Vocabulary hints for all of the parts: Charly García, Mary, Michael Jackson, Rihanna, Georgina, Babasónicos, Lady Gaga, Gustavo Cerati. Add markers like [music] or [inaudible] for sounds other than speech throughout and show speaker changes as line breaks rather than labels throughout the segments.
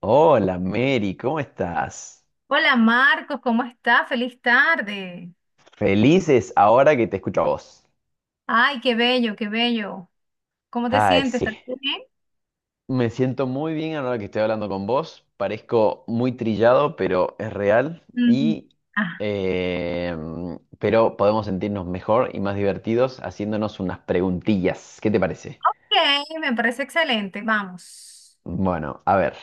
Hola Mary, ¿cómo estás?
Hola Marcos, ¿cómo está? Feliz tarde.
Felices ahora que te escucho a vos.
Ay, qué bello, qué bello. ¿Cómo te
Ay,
sientes? ¿Estás
sí.
bien?
Me siento muy bien ahora que estoy hablando con vos. Parezco muy trillado, pero es real.
Mm, ah,
Eh, pero podemos sentirnos mejor y más divertidos haciéndonos unas preguntillas. ¿Qué te parece?
ok, me parece excelente. Vamos.
Bueno, a ver,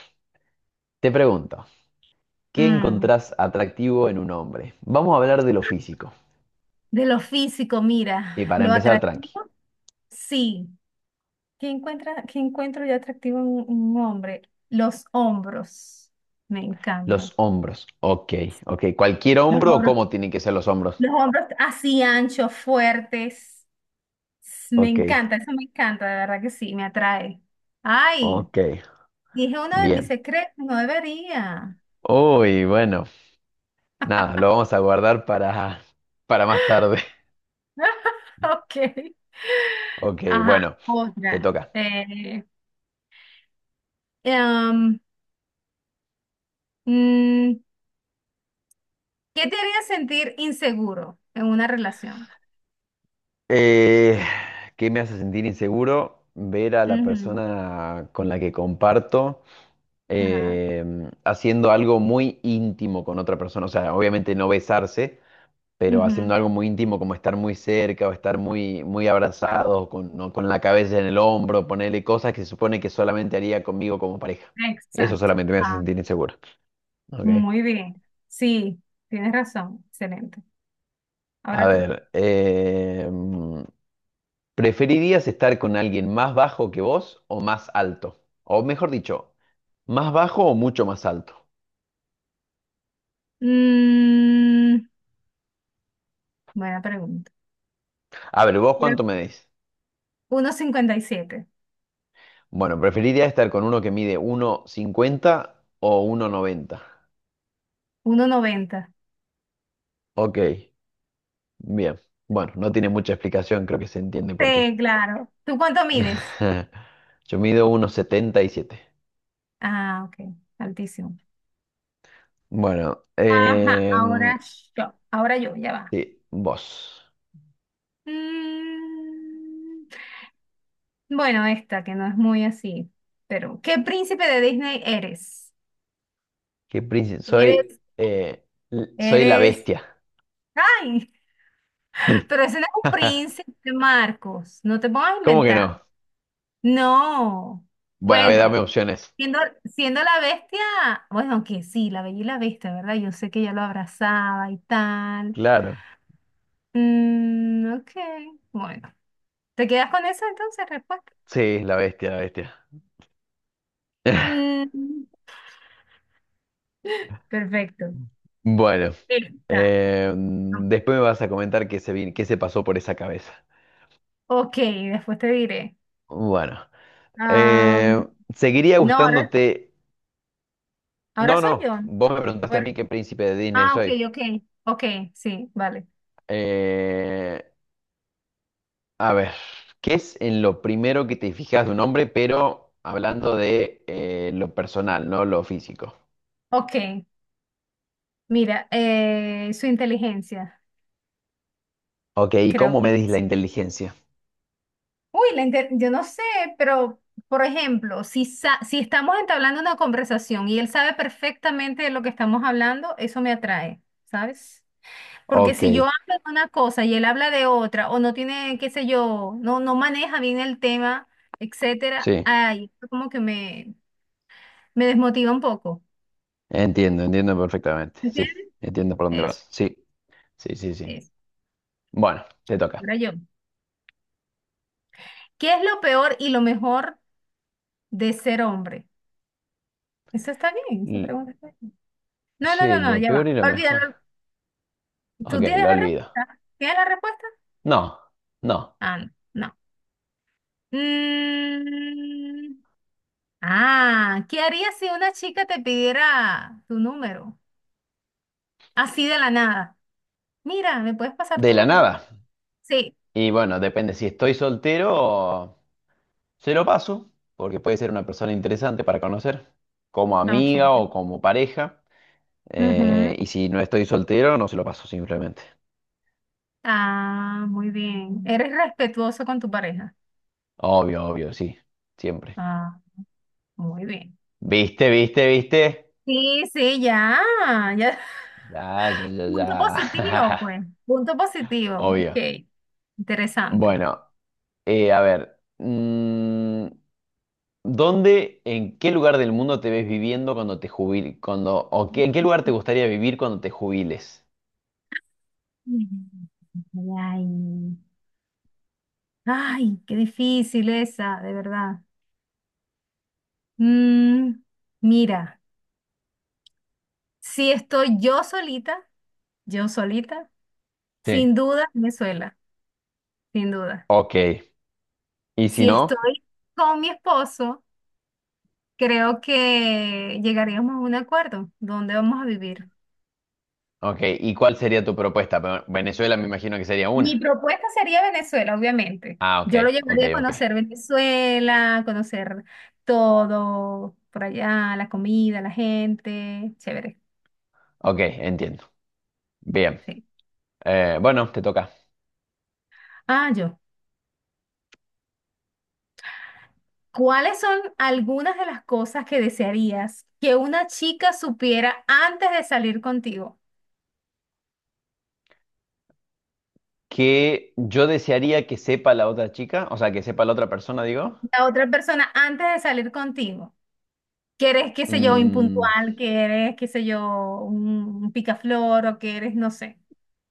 te pregunto, ¿qué
Mm,
encontrás atractivo en un hombre? Vamos a hablar de lo físico.
De lo físico, mira,
Y para
lo
empezar, tranqui.
atractivo, sí. ¿Qué encuentro yo atractivo en un hombre? Los hombros. Me encanta.
Los hombros. Ok, ok. ¿Cualquier
Los
hombro o
hombros.
cómo tienen que ser los hombros?
Los hombros así anchos, fuertes. Me
Ok,
encanta, eso me encanta, de verdad que sí, me atrae. Ay,
ok.
dije uno de mis
Bien.
secretos, no debería.
Uy, bueno. Nada, lo vamos a guardar para más tarde. [laughs]
[laughs] Ok.
Ok,
Ajá,
bueno, te
otra.
toca.
Em, mm, ¿Qué te haría sentir inseguro en una relación?
Eh, ¿Qué me hace sentir inseguro? Ver a la
Ujú.
persona con la que comparto
Ajá.
haciendo algo muy íntimo con otra persona. O sea, obviamente no besarse, pero haciendo
Ujú.
algo muy íntimo como estar muy cerca o estar muy, muy abrazados, con, ¿no? con la cabeza en el hombro, ponerle cosas que se supone que solamente haría conmigo como pareja. Eso
Exacto.
solamente me hace
Ah,
sentir inseguro. ¿Ok?
muy bien. Sí, tienes razón. Excelente.
A
Ahora tú.
ver, ¿preferirías estar con alguien más bajo que vos o más alto? O mejor dicho, ¿más bajo o mucho más alto?
Mm, Buena pregunta.
A ver, ¿vos
Creo-
cuánto me decís?
1,57,
Bueno, preferiría estar con uno que mide 1,50 o 1,90.
1,90.
Ok. Bien, bueno, no tiene mucha explicación, creo que se entiende por qué.
Sí, claro. ¿Tú cuánto mides?
[laughs] Yo mido 1,77.
Ah, ok, altísimo.
Bueno,
Ajá,
em,
ahora yo, ya va.
sí, vos.
Mm, bueno, esta que no es muy así, pero ¿qué príncipe de Disney eres?
¿Qué príncipe?
Eres,
Soy, soy la
eres,
bestia.
ay, [laughs] pero
[laughs]
ese no es un príncipe, Marcos, no te pongas a
¿Cómo que
inventar.
no?
No,
Bueno, a ver, dame
bueno,
opciones.
siendo la bestia, bueno, aunque sí, la bella y la bestia, ¿verdad? Yo sé que ella lo abrazaba y tal.
Claro.
Ok, bueno. ¿Te quedas con eso entonces, respuesta?
Sí, la bestia, la bestia. [laughs]
Mm, [laughs] perfecto.
Bueno,
Esta.
em, después me vas a comentar qué se pasó por esa cabeza.
Ok, después te diré.
Bueno,
Am,
em, ¿Seguiría
no, ahora,
gustándote?
ahora
No,
soy
no,
yo.
vos me preguntaste a
Bueno,
mí qué príncipe de Disney
ah, ok,
soy.
ok, ok, sí, vale.
Eh, a ver, ¿qué es en lo primero que te fijas de un hombre, pero hablando de lo personal, no lo físico?
Ok, mira, su inteligencia.
Ok, ¿y
Creo
cómo
que
medís la
sí.
inteligencia?
Uy, yo no sé, pero por ejemplo, si estamos entablando una conversación y él sabe perfectamente de lo que estamos hablando, eso me atrae, ¿sabes? Porque
Ok,
si yo hablo de una cosa y él habla de otra, o no tiene, qué sé yo, no maneja bien el tema, etcétera,
sí,
ay, eso como que me desmotiva un poco.
entiendo, entiendo perfectamente. Sí,
¿Entiendes?
entiendo por dónde
Eso,
vas. Sí, sí, sí, sí.
eso.
Bueno, te toca.
Era yo. ¿Qué es lo peor y lo mejor de ser hombre? Eso está bien, esa
L-
pregunta está bien. No, no, no,
sí,
no,
lo
ya
peor
va.
y lo
Olvídalo.
mejor. Ok,
¿Tú tienes
lo
la
olvido.
respuesta? ¿Tienes la respuesta?
No, no.
Ah, no. No. Mm, ¿Qué harías si una chica te pidiera tu número? Así de la nada. Mira, ¿me puedes pasar
De
tu
la
número?
nada.
Sí.
Y bueno, depende si estoy soltero. Se lo paso, porque puede ser una persona interesante para conocer, como
Ok.
amiga o como pareja.
Ujú.
Y si no estoy soltero, no se lo paso simplemente.
Ah, muy bien. ¿Eres respetuoso con tu pareja?
Obvio, obvio, sí, siempre.
Ah, muy bien.
¿Viste, viste, viste?
Sí, sí, ya, ya.
Ya,
[laughs]
ya, ya,
Punto positivo,
ya.
pues. Punto
[laughs]
positivo.
Obvio.
Ok. Interesante.
Bueno, a ver. ¿Dónde, en qué lugar del mundo te ves viviendo cuando te jubiles? Cuando, ¿en qué lugar te gustaría vivir cuando te jubiles?
Ay, ay, qué difícil esa, de verdad. Mm, Mira, si estoy yo solita,
Sí.
sin duda Venezuela, sin duda.
Ok. ¿Y si
Si
no?
estoy con mi esposo, creo que llegaríamos a un acuerdo donde vamos a vivir.
Ok, ¿y cuál sería tu propuesta? Pero Venezuela me imagino que sería
Mi
una.
propuesta sería Venezuela, obviamente.
Ah, ok,
Yo lo
ok,
llevaría a
ok.
conocer Venezuela, conocer todo por allá, la comida, la gente, chévere.
Ok, entiendo. Bien.
Sí.
Bueno, te toca.
Ah, yo. ¿Cuáles son algunas de las cosas que desearías que una chica supiera antes de salir contigo?
¿Qué yo desearía que sepa la otra chica? O sea, que sepa la otra persona, digo.
La otra persona antes de salir contigo. Que eres, qué sé yo,
Mm,
impuntual, que eres, qué sé yo, un picaflor o que eres, no sé.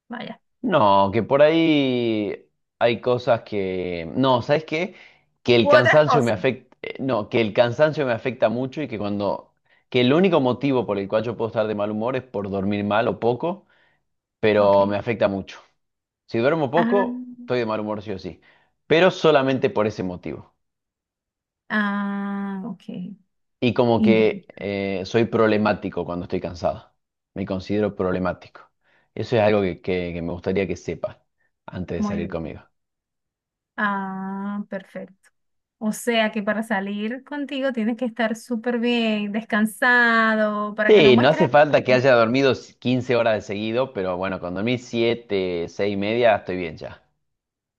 Vaya.
no, que por ahí hay cosas que... No, ¿sabes qué? Que el
U otras
cansancio me
cosas.
afecta... No, que el cansancio me afecta mucho y que cuando... Que el único motivo por el cual yo puedo estar de mal humor es por dormir mal o poco, pero me
Ok.
afecta mucho. Si duermo
Ah,
poco, estoy de mal humor sí o sí, pero solamente por ese motivo.
ah, ok.
Y como que
Interesante.
soy problemático cuando estoy cansado. Me considero problemático. Eso es algo que me gustaría que sepa antes de
Muy
salir
bien.
conmigo.
Ah, perfecto. O sea que para salir contigo tienes que estar súper bien, descansado, para que no
Sí, no hace
muestres,
falta que haya dormido 15 horas de seguido, pero bueno, con dormir siete, seis y media estoy bien ya.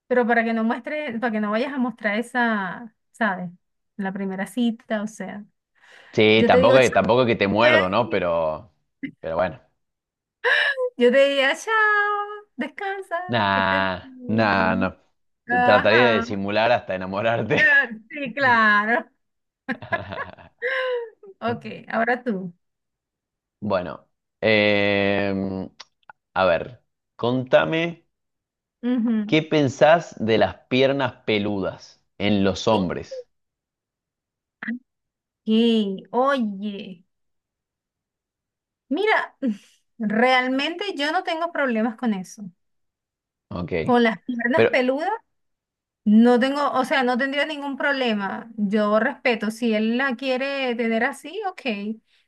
pero para que no muestres, para que no vayas a mostrar esa, ¿sabes? La primera cita, o sea.
Sí,
Yo te digo,
tampoco,
chao,
tampoco es que te muerdo, ¿no?
güey.
Pero bueno.
Yo te diría, chao, descansa, que estés
Nah, nah, no.
bien.
Trataría de
Ajá.
simular hasta enamorarte.
[laughs] Sí, claro.
[laughs]
Ok, ahora tú.
Bueno, em, a ver, contame
Ujú.
qué pensás de las piernas peludas en los
Ok,
hombres.
oye, mira, [laughs] [sighs] realmente yo no tengo problemas con eso.
Ok.
Con las piernas
Pero,
peludas, no tengo, o sea, no tendría ningún problema. Yo respeto, si él la quiere tener así, ok.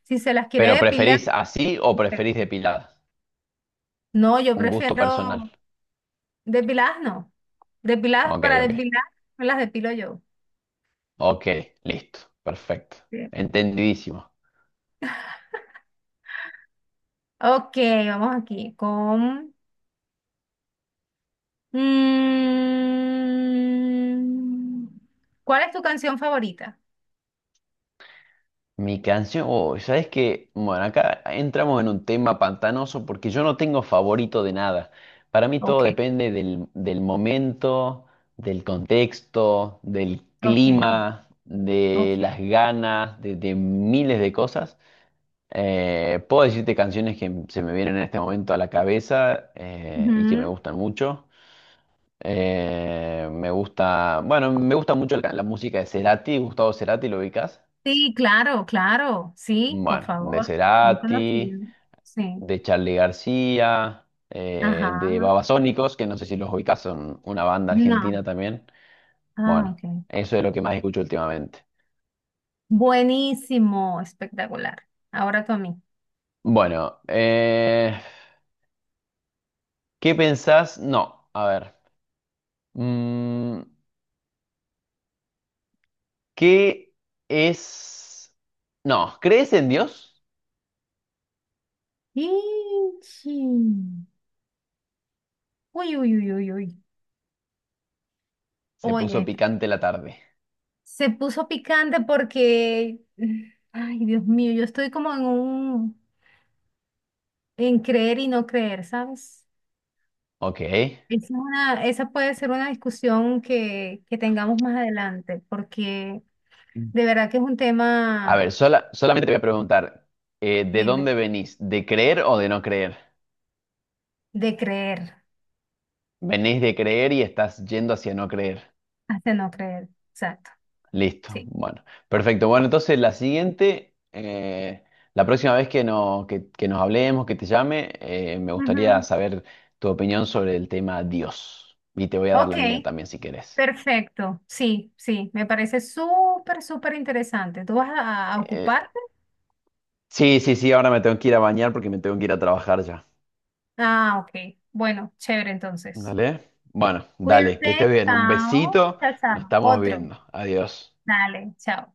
Si se las
pero
quiere depilar,
¿preferís así o preferís
perfecto.
depiladas?
No, yo
Un gusto personal.
prefiero depiladas, no. Depiladas
Ok,
para
ok.
depilar, me las depilo yo.
Ok, listo. Perfecto.
Sí.
Entendidísimo.
Ok, vamos aquí con, mm, ¿cuál es tu canción favorita?
Mi canción, oh, ¿sabes qué? Bueno, acá entramos en un tema pantanoso porque yo no tengo favorito de nada. Para mí todo
Ok,
depende del momento, del contexto, del
ok,
clima, de
ok.
las ganas, de miles de cosas. Puedo decirte canciones que se me vienen en este momento a la cabeza y que me
Ujú.
gustan mucho. Me gusta, bueno, me gusta mucho la música de Cerati, Gustavo Cerati, ¿lo ubicas?
Sí, claro, claro. Sí, por
Bueno, de
favor. Muy
Cerati,
conocido. Sí.
de Charly García,
Ajá.
de Babasónicos, que no sé si los ubicás, son una banda
No.
argentina también.
Ah,
Bueno,
ok.
eso es lo que más escucho últimamente.
Buenísimo, espectacular. Ahora tú a mí.
Bueno, eh, ¿Qué pensás? No, a ver. mm, ¿Qué es? No, ¿crees en Dios?
Ichi. Uy, uy, uy, uy, uy.
Se puso
Oye.
picante la tarde.
Se puso picante porque, ay, Dios mío, yo estoy como en creer y no creer, ¿sabes?
Ok.
Esa, esa puede ser una discusión que tengamos más adelante, porque de verdad que es un
A
tema,
ver, solamente te voy a preguntar, ¿de
dime,
dónde venís? ¿De creer o de no creer?
de creer,
Venís de creer y estás yendo hacia no creer.
hasta no creer, exacto,
Listo.
sí.
Bueno, perfecto. Bueno, entonces la siguiente, la próxima vez que, no- que nos hablemos, que te llame, me gustaría
Ujú.
saber tu opinión sobre el tema Dios. Y te voy a dar
Ok,
la mía también si querés.
perfecto, sí, sí, me parece súper, súper interesante. ¿Tú vas a
Eh,
ocuparte?
sí, sí, sí, ahora me tengo que ir a bañar porque me tengo que ir a trabajar ya.
Ah, ok, bueno, chévere entonces.
¿Dale? Bueno, dale, que estés
Cuídate,
bien. Un
chao,
besito.
chao,
Nos
chao.
estamos
Otro,
viendo. Adiós.
dale, chao.